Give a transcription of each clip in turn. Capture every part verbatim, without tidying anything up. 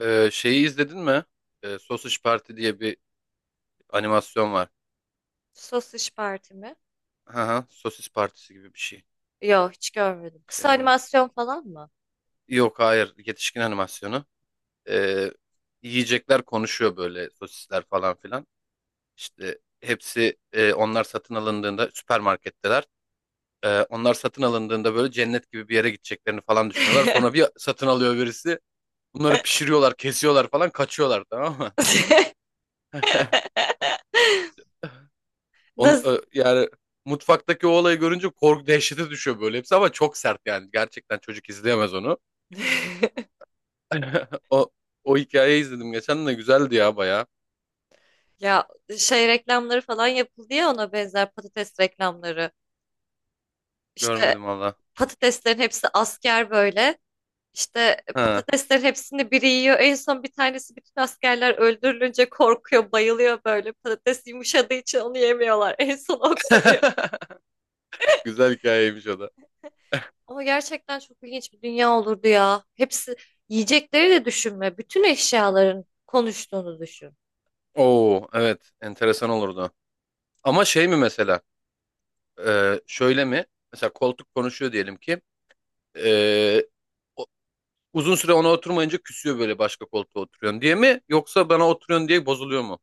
Ee, şeyi izledin mi? Ee, Sausage Party diye bir animasyon var. Sos İş Parti mi? Aha, sosis partisi gibi bir şey. Yok hiç görmedim. Kısa Şey mi? animasyon falan mı? Yok hayır yetişkin animasyonu. Ee, Yiyecekler konuşuyor böyle sosisler falan filan. İşte hepsi e, onlar satın alındığında süpermarketteler. Ee, onlar satın alındığında böyle cennet gibi bir yere gideceklerini falan düşünüyorlar. Sonra bir satın alıyor birisi. Bunları pişiriyorlar, kesiyorlar falan kaçıyorlar tamam mı? Onun, Nasıl? ö- yani mutfaktaki o olayı görünce korku dehşete düşüyor böyle hepsi ama çok sert yani. Gerçekten çocuk izleyemez onu. O, o hikayeyi izledim geçen de güzeldi ya baya. Ya şey reklamları falan yapıldı ya ona benzer patates reklamları. İşte Görmedim valla. patateslerin hepsi asker böyle. İşte Ha. patateslerin hepsini biri yiyor. En son bir tanesi bütün askerler öldürülünce korkuyor, bayılıyor böyle. Patates yumuşadığı için onu yemiyorlar. En son o kalıyor. Güzel hikayeymiş o da. Ama gerçekten çok ilginç bir dünya olurdu ya. Hepsi yiyecekleri de düşünme. Bütün eşyaların konuştuğunu düşün. Oo evet enteresan olurdu. Ama şey mi mesela e, şöyle mi? Mesela koltuk konuşuyor diyelim ki e, o- uzun süre ona oturmayınca küsüyor böyle başka koltuğa oturuyorsun diye mi? Yoksa bana oturuyorsun diye bozuluyor mu?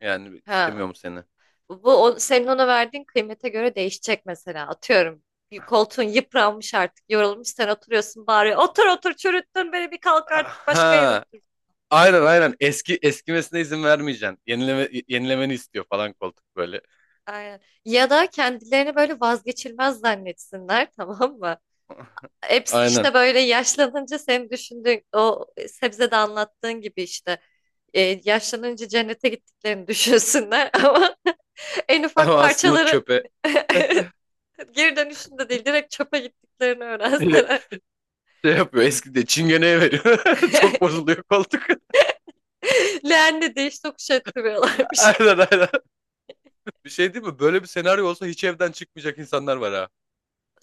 Yani Ha. istemiyor mu seni? Bu o, senin ona verdiğin kıymete göre değişecek mesela. Atıyorum bir koltuğun yıpranmış artık. Yorulmuş sen oturuyorsun bağırıyor. Otur otur çürüttün beni bir kalk artık başka yere Ha. otur. Aynen aynen. Eski eskimesine izin vermeyeceksin. Yenileme, yenilemeni istiyor falan koltuk böyle. Aynen. Ya da kendilerini böyle vazgeçilmez zannetsinler tamam mı? Hepsi Aynen. işte böyle yaşlanınca senin düşündüğün o sebzede anlattığın gibi işte e, yaşlanınca cennete gittiklerini düşünsünler ama en Ama ufak aslında parçaları çöpe geri dönüşünde değil direkt çöpe gittiklerini öğrenseler. şey yapıyor. Eski de çingeneye veriyor. Çok bozuluyor koltuk. Leğenle değiş tokuş ettiriyorlarmış. Aynen aynen. Bir şey değil mi? Böyle bir senaryo olsa hiç evden çıkmayacak insanlar var ha.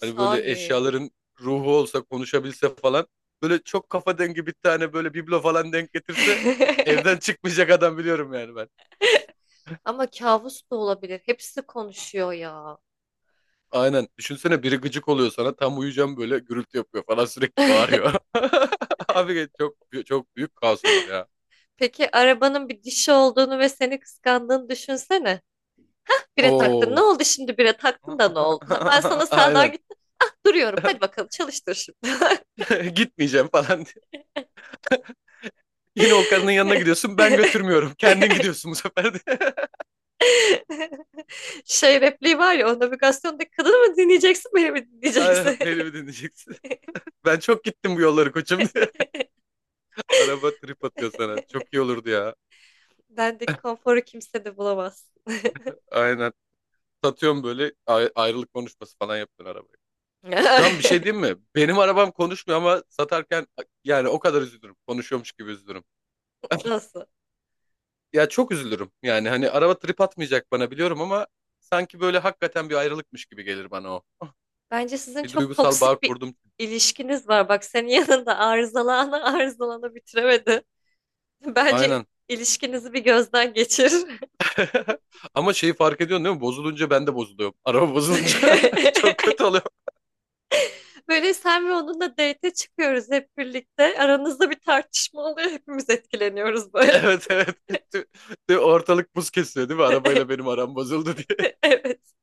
Hani böyle eşyaların ruhu olsa konuşabilse falan. Böyle çok kafa dengi bir tane böyle biblo falan denk getirse evden çıkmayacak adam biliyorum yani ben. Ama kabus da olabilir. Hepsi konuşuyor ya. Aynen. Düşünsene biri gıcık oluyor sana. Tam uyuyacağım böyle gürültü yapıyor falan sürekli bağırıyor. Abi çok çok büyük kaos olur ya. Peki arabanın bir dişi olduğunu ve seni kıskandığını düşünsene. Bire taktın. Ne Oo. oldu şimdi bire taktın da ne oldu? Ha, ben sana sağdan Aynen. gittim. Ah duruyorum. Hadi bakalım çalıştır şimdi. Gitmeyeceğim falan diye. Yine o karının yanına gidiyorsun. Ben götürmüyorum. Kendin gidiyorsun bu sefer de. Şey repliği var ya o navigasyonda kadını mı dinleyeceksin beni mi Aynen dinleyeceksin? beni mi dinleyeceksin? Ben çok gittim bu yolları koçum diye. Araba trip atıyor sana. Çok iyi olurdu ya. Bendeki konforu kimse de bulamaz. Aynen. Satıyorum böyle ay- ayrılık konuşması falan yaptın arabaya. Şu an bir şey diyeyim mi? Benim arabam konuşmuyor ama satarken yani o kadar üzülürüm. Konuşuyormuş gibi üzülürüm. Nasıl? Ya çok üzülürüm. Yani hani araba trip atmayacak bana biliyorum ama sanki böyle hakikaten bir ayrılıkmış gibi gelir bana o. Bence sizin Bir çok duygusal bağ toksik bir kurdum. ilişkiniz var. Bak senin yanında arızalana arızalana bitiremedi. Bence il- Aynen. ilişkinizi bir gözden geçir. Ama şeyi fark ediyorsun değil mi? Bozulunca ben de bozuluyorum. Araba bozulunca çok kötü oluyor. Böyle sen ve onunla date'e çıkıyoruz hep birlikte. Aranızda bir tartışma oluyor. Hepimiz etkileniyoruz böyle. Evet evet. Tü- tü- Ortalık buz kesiyor değil mi? Arabayla benim aram bozuldu diye. Evet.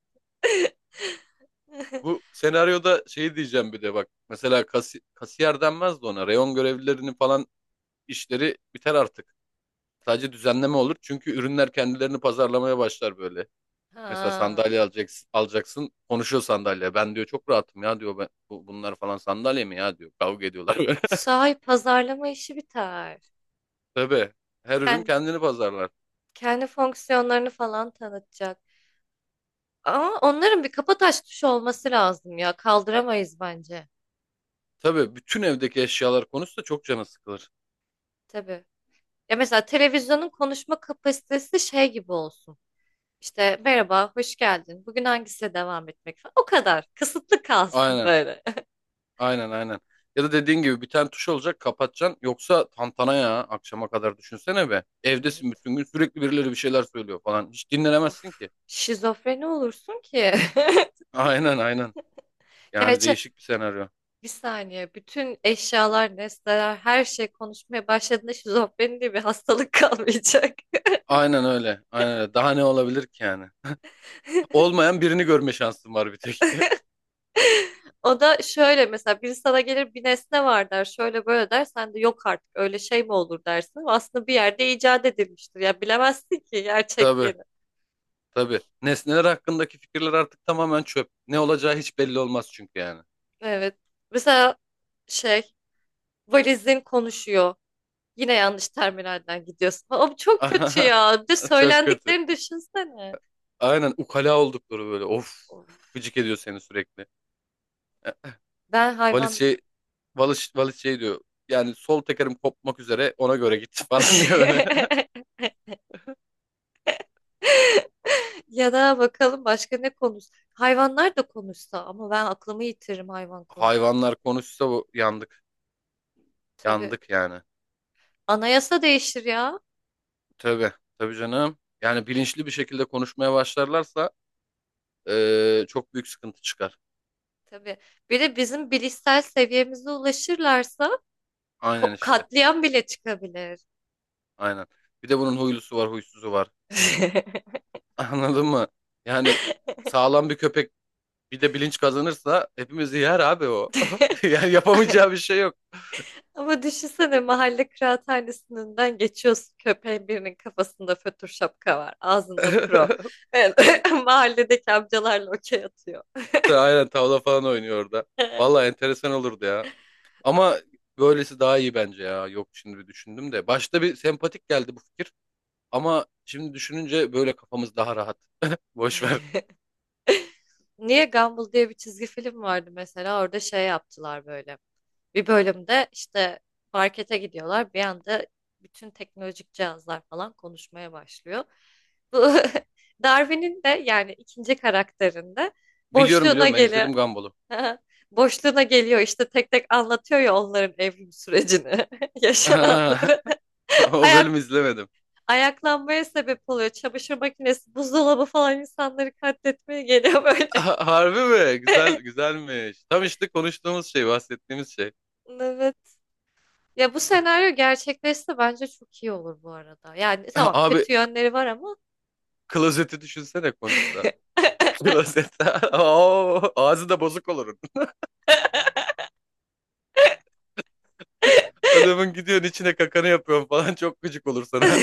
Bu senaryoda şey diyeceğim bir de bak. Mesela kasi- kasiyer denmez de ona. Reyon görevlilerinin falan işleri biter artık. Sadece düzenleme olur çünkü ürünler kendilerini pazarlamaya başlar böyle. Mesela Ha. sandalye alacaksın, alacaksın konuşuyor sandalye. Ben diyor çok rahatım ya diyor ben, bu- bunlar falan sandalye mi ya diyor. Kavga ediyorlar böyle. Sahi pazarlama işi biter. Tabii her ürün Kendi, kendini pazarlar. kendi fonksiyonlarını falan tanıtacak. Ama onların bir kapataş tuşu olması lazım ya. Kaldıramayız bence. Tabii bütün evdeki eşyalar konusu da çok canı sıkılır. Tabii. Ya mesela televizyonun konuşma kapasitesi şey gibi olsun. İşte merhaba, hoş geldin. Bugün hangisiyle devam etmek falan. O kadar. Kısıtlı kalsın Aynen böyle. aynen aynen. Ya da dediğin gibi bir tane tuş olacak kapatacaksın. Yoksa tantana ya akşama kadar düşünsene be. Evdesin bütün gün sürekli birileri bir şeyler söylüyor falan. Hiç dinlenemezsin Of, ki. şizofreni olursun ki. Aynen aynen. Yani Gerçi değişik bir senaryo. bir saniye bütün eşyalar, nesneler, her şey konuşmaya başladığında şizofreni diye bir hastalık kalmayacak. Aynen öyle. Aynen öyle. Daha ne olabilir ki yani? Olmayan birini görme şansım var bir tek. O da şöyle mesela biri sana gelir bir nesne var der, şöyle böyle der, sen de yok artık öyle şey mi olur dersin. Aslında bir yerde icat edilmiştir ya bilemezsin ki Tabii, gerçekliğini. tabii. Nesneler hakkındaki fikirler artık tamamen çöp. Ne olacağı hiç belli olmaz çünkü yani. Evet. Mesela şey valizin konuşuyor. Yine yanlış terminalden gidiyorsun. Abi çok kötü ya. Bir de Çok kötü. söylendiklerini düşünsene. Aynen ukala oldukları böyle. Of. Gıcık ediyor seni sürekli. E, Ben Valiz hayvan şey, valiz, valiz şey diyor. Yani sol tekerim kopmak üzere ona göre git falan diye böyle. ya da bakalım başka ne konuş. Hayvanlar da konuşsa ama ben aklımı yitiririm hayvan konusunda. Hayvanlar konuşsa bu yandık. Tabii Yandık yani. anayasa değişir ya. Tabii, tabii canım. Yani bilinçli bir şekilde konuşmaya başlarlarsa eee, çok büyük sıkıntı çıkar. Tabii. Bir de bizim bilişsel seviyemize ulaşırlarsa Aynen ko- işte, katliam bile çıkabilir. aynen. Bir de bunun huylusu var, huysuzu var. Anladın mı? Yani sağlam bir köpek bir de bilinç kazanırsa hepimizi yer abi o. Yani yapamayacağı bir şey yok. Ama düşünsene mahalle kıraathanesinden geçiyorsun köpeğin birinin kafasında fötr şapka var ağzında pro. Evet, mahalledeki amcalarla okey atıyor. Aynen tavla falan oynuyor orada. Vallahi enteresan olurdu ya. Ama böylesi daha iyi bence ya. Yok şimdi bir düşündüm de. Başta bir sempatik geldi bu fikir. Ama şimdi düşününce böyle kafamız daha rahat. Boş ver. Niye Gumball diye bir çizgi film vardı mesela orada şey yaptılar böyle. Bir bölümde işte markete gidiyorlar bir anda bütün teknolojik cihazlar falan konuşmaya başlıyor. Bu Darwin'in de yani ikinci karakterinde Biliyorum boşluğuna biliyorum ben geliyor. izledim Gumball'u. Boşluğuna geliyor işte tek tek anlatıyor ya onların evrim sürecini, yaşananları. O Ayak bölümü izlemedim. ayaklanmaya sebep oluyor. Çamaşır makinesi, buzdolabı falan insanları katletmeye geliyor böyle. Ha- Harbi mi? Güzel güzelmiş. Tam işte konuştuğumuz şey, bahsettiğimiz şey. Evet. Ya bu senaryo gerçekleşse bence çok iyi olur bu arada. Yani tamam Abi kötü yönleri var ama. klozeti düşünsene konuşsa. Klozet. Oo, ağzı da bozuk olur. Adamın gidiyorsun içine kakanı yapıyorsun falan çok gıcık olur sana.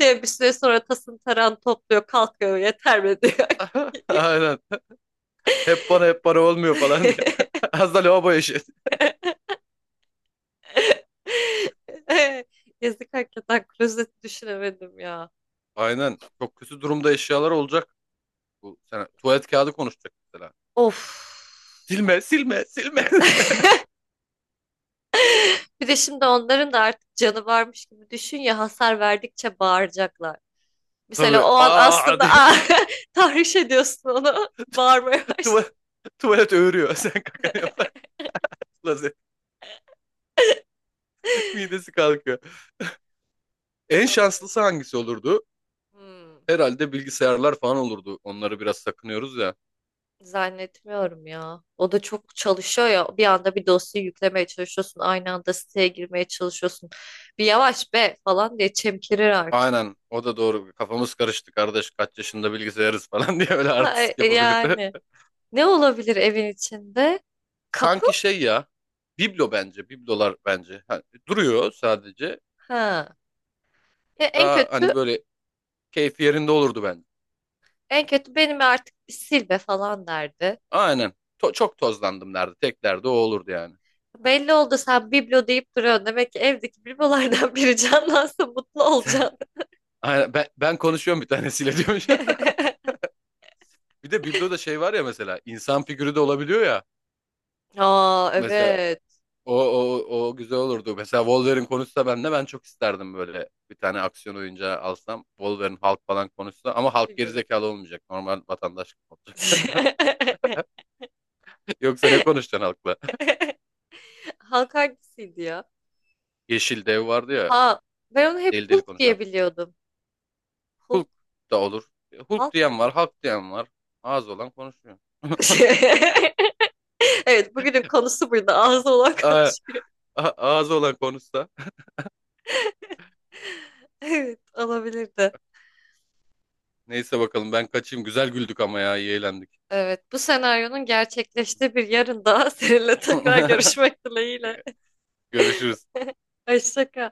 Diye bir süre sonra tasın taran topluyor kalkıyor yeter mi diyor. Aynen. Hep bana hep bana olmuyor falan diye. Az da lavabo eşi. Yazık hakikaten klozeti düşünemedim ya. Aynen. Çok kötü durumda eşyalar olacak. Bu sene tuvalet kağıdı konuşacak mesela. Of. Silme, silme, silme. Bir de şimdi onların da artık canı varmış gibi düşün ya hasar verdikçe bağıracaklar. Mesela Tabii. o an Aa aslında diye. aa, tahriş ediyorsun onu. Bağırmaya başlıyor. Tuvalet, tuvalet öğürüyor. Sen kakanı yaparsın. Midesi kalkıyor. En Olabilir. şanslısı hangisi olurdu? Hmm, Herhalde bilgisayarlar falan olurdu. Onları biraz sakınıyoruz ya. zannetmiyorum ya. O da çok çalışıyor ya. Bir anda bir dosyayı yüklemeye çalışıyorsun. Aynı anda siteye girmeye çalışıyorsun. Bir yavaş be falan diye çemkirir artık. Aynen o da doğru. Kafamız karıştı kardeş kaç yaşında bilgisayarız falan diye öyle Ha, e, artistik e, yapabilirdi. yani ne olabilir evin içinde? Kapı? Sanki şey ya biblo bence biblolar bence. Hani duruyor sadece. Ha. E, en Daha hani kötü böyle keyfi yerinde olurdu bence. en kötü benim artık bir sil be falan derdi. Aynen. To- çok tozlandım derdi. Tek derdi o olurdu yani. Belli oldu sen biblo deyip duruyorsun. Demek ki evdeki biblolardan biri canlansa mutlu olacaksın. Aynen. Ben, ben konuşuyorum bir tanesiyle diyormuş. Bir de bibloda şey var ya mesela insan figürü de olabiliyor ya. Aa, Mesela evet. o o o güzel olurdu. Mesela Wolverine konuşsa ben de ben çok isterdim böyle bir tane aksiyon oyuncağı alsam. Wolverine Hulk falan konuşsa ama Hulk Figürü. gerizekalı olmayacak. Normal vatandaş gibi olacak. Yoksa ne konuşacaksın Hulk'la? Hulk hangisiydi ya? Yeşil dev vardı ya Aa, ben onu hep deli deli Hulk diye konuşan. biliyordum. Hulk, Hulk da olur. Hulk Hulk diyen mı? var, Hulk diyen var. Ağzı olan konuşuyor. Evet bugünün konusu buydu. Ağzı olan Aa, konuşuyor. a- ağzı olan konuşsa. Evet olabilirdi. Neyse bakalım ben kaçayım. Güzel güldük ama ya iyi eğlendik. Evet bu senaryonun gerçekleştiği bir yarın daha seninle tekrar görüşmek dileğiyle. Görüşürüz. Hoşça kal.